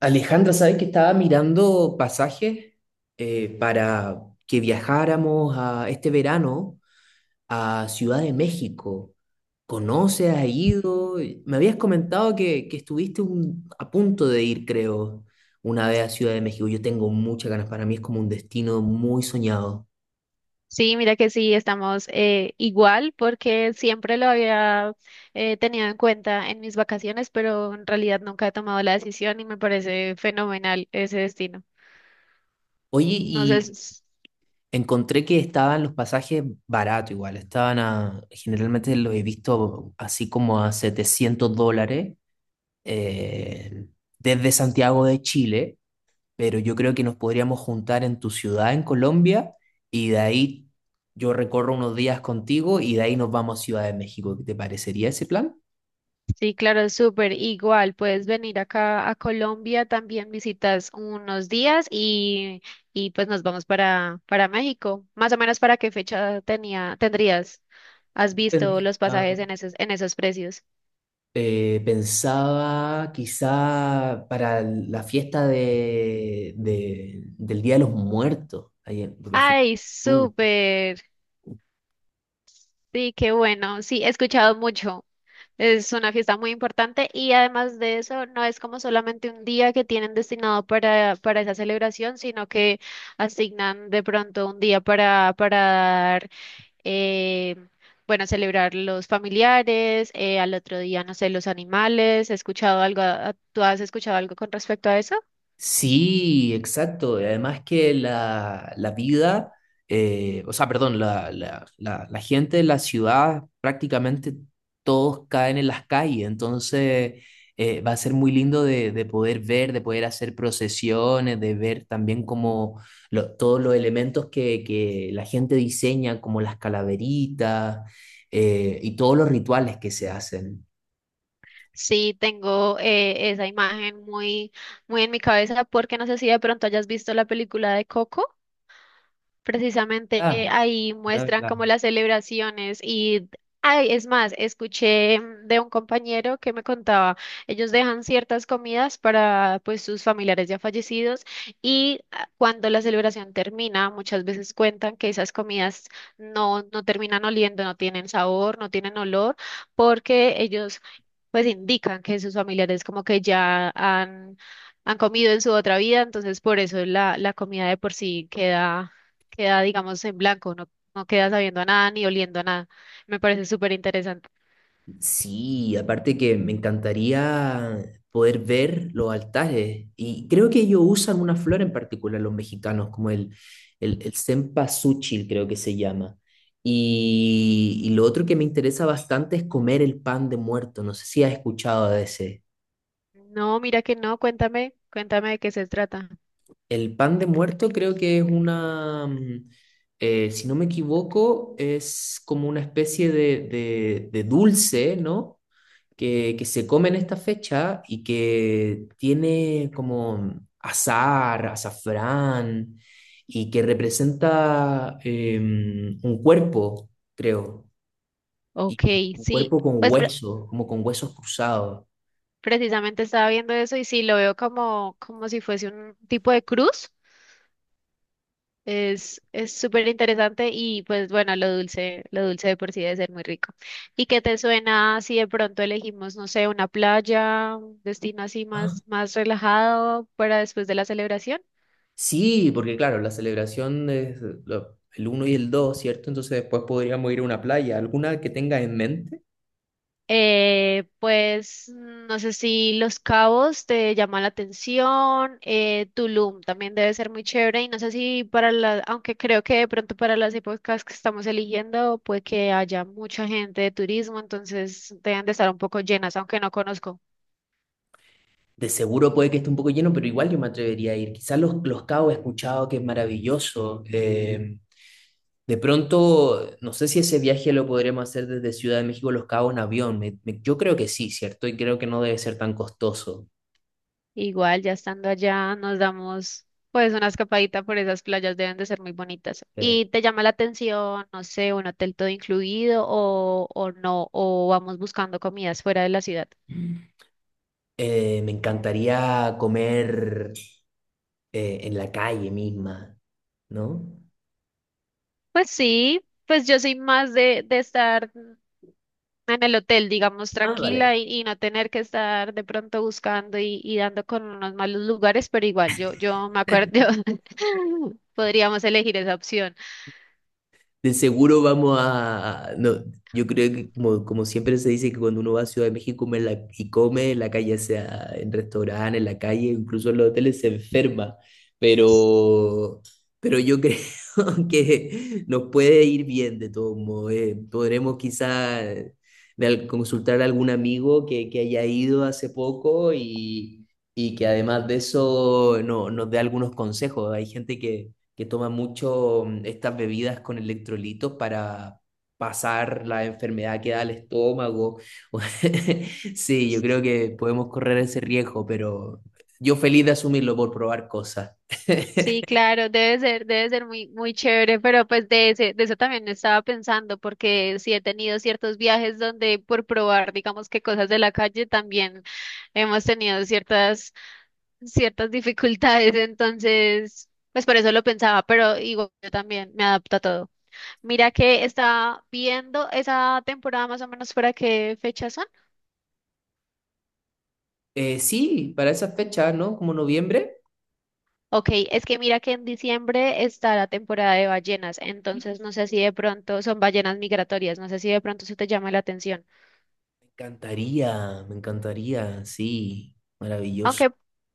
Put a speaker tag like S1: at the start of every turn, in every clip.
S1: Alejandra, ¿sabes que estaba mirando pasajes para que viajáramos a este verano a Ciudad de México? ¿Conoces? ¿Has ido? Me habías comentado que estuviste a punto de ir, creo, una vez a Ciudad de México. Yo tengo muchas ganas, para mí es como un destino muy soñado.
S2: Sí, mira que sí, estamos igual porque siempre lo había tenido en cuenta en mis vacaciones, pero en realidad nunca he tomado la decisión y me parece fenomenal ese destino.
S1: Oye,
S2: No sé,
S1: y encontré que estaban los pasajes baratos igual, generalmente los he visto así como a $700. eh, Desde Santiago de Chile, pero yo creo que nos podríamos juntar en tu ciudad, en Colombia, y de ahí yo recorro unos días contigo y de ahí nos vamos a Ciudad de México. ¿Te parecería ese plan?
S2: sí, claro, es súper igual. Puedes venir acá a Colombia, también visitas unos días y pues nos vamos para México. Más o menos para qué fecha tendrías, has visto los
S1: Pensaba,
S2: pasajes en en esos precios.
S1: pensaba quizá para la fiesta del Día de los Muertos, ahí en, la fiesta.
S2: Ay, súper. Sí, qué bueno. Sí, he escuchado mucho. Es una fiesta muy importante y además de eso, no es como solamente un día que tienen destinado para esa celebración, sino que asignan de pronto un día para dar, eh, bueno, celebrar los familiares, al otro día, no sé, los animales. ¿He escuchado algo? ¿Tú has escuchado algo con respecto a eso?
S1: Sí, exacto. Y Además que la vida, o sea, perdón, la gente de la ciudad prácticamente todos caen en las calles, entonces va a ser muy lindo de poder ver, de poder hacer procesiones, de ver también como todos los elementos que la gente diseña, como las calaveritas y todos los rituales que se hacen.
S2: Sí, tengo esa imagen muy en mi cabeza porque no sé si de pronto hayas visto la película de Coco. Precisamente
S1: Ah,
S2: ahí muestran
S1: verdad.
S2: como las celebraciones y, ay, es más, escuché de un compañero que me contaba, ellos dejan ciertas comidas para pues sus familiares ya fallecidos y ah, cuando la celebración termina, muchas veces cuentan que esas comidas no terminan oliendo, no tienen sabor, no tienen olor, porque ellos pues indican que sus familiares como que ya han comido en su otra vida, entonces por eso la comida de por sí queda, digamos, en blanco, no queda sabiendo a nada ni oliendo a nada. Me parece súper interesante.
S1: Sí, aparte que me encantaría poder ver los altares. Y creo que ellos usan una flor en particular, los mexicanos, como el cempasúchil, creo que se llama. Y lo otro que me interesa bastante es comer el pan de muerto. No sé si has escuchado de ese.
S2: No, mira que no, cuéntame, cuéntame de qué se trata.
S1: El pan de muerto creo que es una, si no me equivoco, es como una especie de dulce, ¿no?, que se come en esta fecha y que tiene como azar, azafrán, y que representa un cuerpo, creo,
S2: Ok,
S1: y un
S2: sí,
S1: cuerpo con
S2: pues
S1: huesos, como con huesos cruzados.
S2: precisamente estaba viendo eso y sí, lo veo como, como si fuese un tipo de cruz. Es súper interesante y pues bueno, lo dulce de por sí debe ser muy rico. ¿Y qué te suena si de pronto elegimos, no sé, una playa, un destino así
S1: Ah,
S2: más, más relajado para después de la celebración?
S1: sí, porque claro, la celebración es el uno y el dos, ¿cierto? Entonces después podríamos ir a una playa, alguna que tengas en mente.
S2: Pues mm, no sé si Los Cabos te llama la atención, Tulum también debe ser muy chévere y no sé si para la, aunque creo que de pronto para las épocas que estamos eligiendo puede que haya mucha gente de turismo, entonces deben de estar un poco llenas, aunque no conozco.
S1: De seguro puede que esté un poco lleno, pero igual yo me atrevería a ir. Quizás los Cabos he escuchado que es maravilloso. De pronto, no sé si ese viaje lo podríamos hacer desde Ciudad de México a Los Cabos en avión. Yo creo que sí, ¿cierto? Y creo que no debe ser tan costoso.
S2: Igual, ya estando allá, nos damos pues una escapadita por esas playas, deben de ser muy bonitas.
S1: Eh,
S2: ¿Y te llama la atención, no sé, un hotel todo incluido o no, o vamos buscando comidas fuera de la ciudad?
S1: me encantaría comer en la calle misma, ¿no?
S2: Pues sí, pues yo soy más de estar en el hotel, digamos,
S1: Ah,
S2: tranquila
S1: vale.
S2: y no tener que estar de pronto buscando y dando con unos malos lugares, pero igual, yo me acuerdo, podríamos elegir esa opción.
S1: De seguro vamos a... No, yo creo que como, como siempre se dice que cuando uno va a Ciudad de México come en la calle, sea en restaurantes, en la calle, incluso en los hoteles, se enferma. Pero, pero yo creo que nos puede ir bien de todos modos. Podremos quizá consultar a algún amigo que haya ido hace poco y que además de eso no, nos dé algunos consejos. Hay gente que toma mucho estas bebidas con electrolitos para pasar la enfermedad que da al estómago. Sí, yo creo que podemos correr ese riesgo, pero yo feliz de asumirlo por probar cosas.
S2: Sí, claro, debe ser muy, muy chévere, pero pues de eso también estaba pensando, porque sí he tenido ciertos viajes donde por probar, digamos que cosas de la calle también hemos tenido ciertas dificultades, entonces, pues por eso lo pensaba, pero igual yo también me adapto a todo. Mira que está viendo esa temporada más o menos para qué fecha son.
S1: Sí, para esas fechas, ¿no? Como noviembre.
S2: Ok, es que mira que en diciembre está la temporada de ballenas,
S1: Me
S2: entonces no sé si de pronto son ballenas migratorias, no sé si de pronto se te llama la atención.
S1: me encantaría, sí, maravilloso.
S2: Aunque,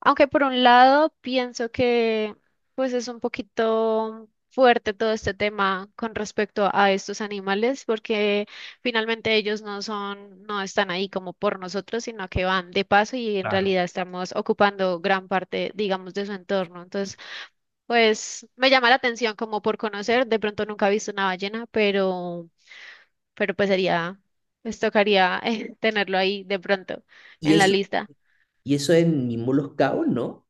S2: Aunque por un lado pienso que pues es un poquito fuerte todo este tema con respecto a estos animales, porque finalmente ellos no son, no están ahí como por nosotros, sino que van de paso y en
S1: Claro.
S2: realidad estamos ocupando gran parte, digamos, de su entorno. Entonces pues me llama la atención como por conocer, de pronto nunca he visto una ballena, pero pues sería, pues tocaría tenerlo ahí de pronto
S1: Y
S2: en la
S1: eso,
S2: lista.
S1: y eso en mismo Los Cabos, ¿no?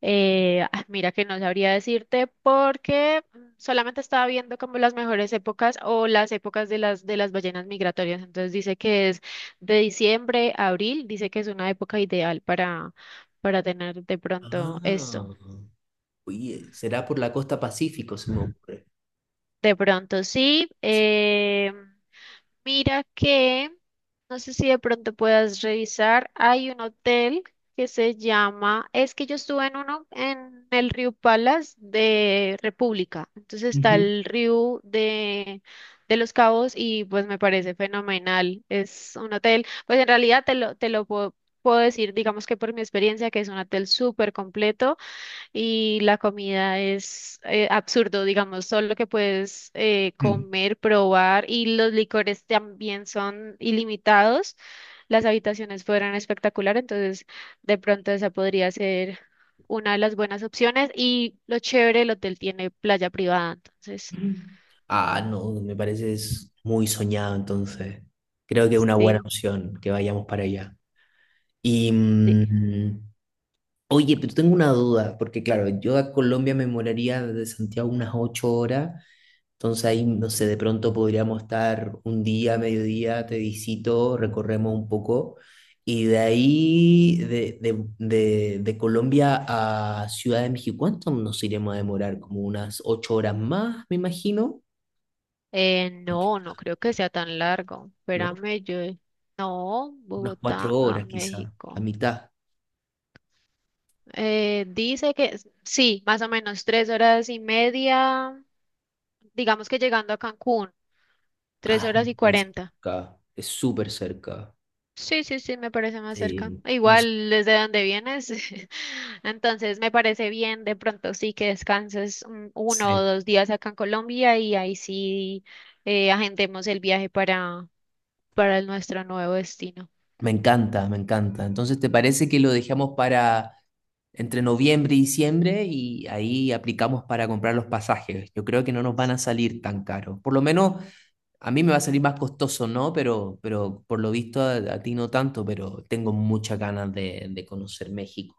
S2: Ah, mira que no sabría decirte porque mm, solamente estaba viendo como las mejores épocas o las épocas de de las ballenas migratorias. Entonces dice que es de diciembre a abril, dice que es una época ideal para tener de pronto
S1: Ah,
S2: esto.
S1: oye, será por la costa Pacífico, se me ocurre.
S2: De pronto sí. Mira que... No sé si de pronto puedas revisar. Hay un hotel que se llama, es que yo estuve en uno en el Río Palas de República. Entonces está el río de Los Cabos y pues me parece fenomenal. Es un hotel, pues en realidad puedo decir, digamos que por mi experiencia, que es un hotel súper completo y la comida es absurdo, digamos, solo que puedes
S1: Ujú.
S2: comer, probar y los licores también son ilimitados. Las habitaciones fueran espectacular, entonces de pronto esa podría ser una de las buenas opciones y lo chévere, el hotel tiene playa privada, entonces
S1: Ah, no, me parece es muy soñado, entonces. Creo que es una buena
S2: sí.
S1: opción que vayamos para allá. Y
S2: Sí.
S1: oye, pero tengo una duda, porque claro, yo a Colombia me moraría desde Santiago unas 8 horas, entonces ahí, no sé, de pronto podríamos estar un día, mediodía, te visito, recorremos un poco, y de ahí, de Colombia a Ciudad de México, ¿cuánto nos iremos a demorar? Como unas 8 horas más, me imagino. Ok.
S2: No, no creo que sea tan largo.
S1: ¿No?
S2: Espérame, yo... No,
S1: Unas
S2: Bogotá
S1: cuatro
S2: a
S1: horas quizá, a
S2: México.
S1: mitad.
S2: Dice que sí, más o menos 3 horas y media, digamos que llegando a Cancún, tres
S1: Ah,
S2: horas
S1: es
S2: y
S1: muy
S2: cuarenta.
S1: cerca, es súper cerca.
S2: Sí, sí, sí, me parece más cerca.
S1: Sí, entonces,
S2: Igual desde donde vienes. Entonces me parece bien de pronto sí que descanses uno o
S1: sí.
S2: 2 días acá en Colombia y ahí sí agendemos el viaje para nuestro nuevo destino.
S1: Me encanta, me encanta. Entonces, ¿te parece que lo dejamos para entre noviembre y diciembre y ahí aplicamos para comprar los pasajes? Yo creo que no nos van a salir tan caros. Por lo menos a mí me va a salir más costoso, ¿no? Pero por lo visto a ti no tanto, pero tengo muchas ganas de conocer México.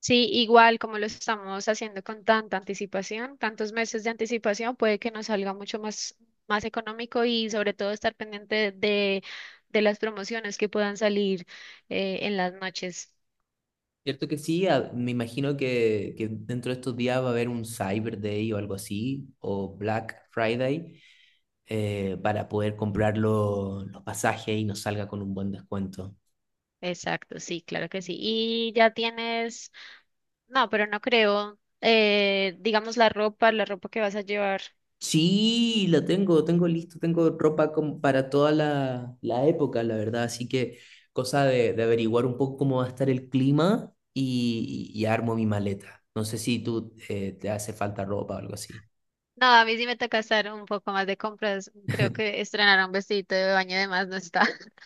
S2: Sí, igual como lo estamos haciendo con tanta anticipación, tantos meses de anticipación, puede que nos salga mucho más, más económico y sobre todo estar pendiente de las promociones que puedan salir en las noches.
S1: Cierto que sí, me imagino que dentro de estos días va a haber un Cyber Day o algo así, o Black Friday, para poder comprar los pasajes y nos salga con un buen descuento.
S2: Exacto, sí, claro que sí. Y ya tienes, no, pero no creo, digamos la ropa que vas a llevar.
S1: Sí, la tengo, tengo listo, tengo ropa como para toda la época, la verdad, así que cosa de averiguar un poco cómo va a estar el clima y armo mi maleta. No sé si tú te hace falta ropa o algo así.
S2: No, a mí sí me toca hacer un poco más de compras. Creo que estrenar un vestidito de baño de más no está.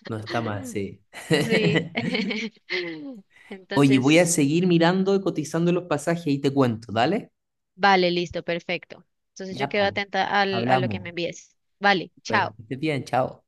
S1: No está mal, sí.
S2: Sí.
S1: Oye, voy a
S2: Entonces,
S1: seguir mirando y cotizando los pasajes y te cuento, ¿dale?
S2: vale, listo, perfecto. Entonces yo
S1: Ya,
S2: quedo
S1: pues.
S2: atenta al, a lo que me
S1: Hablamos.
S2: envíes. Vale,
S1: Pero,
S2: chao.
S1: que estés bien, chao.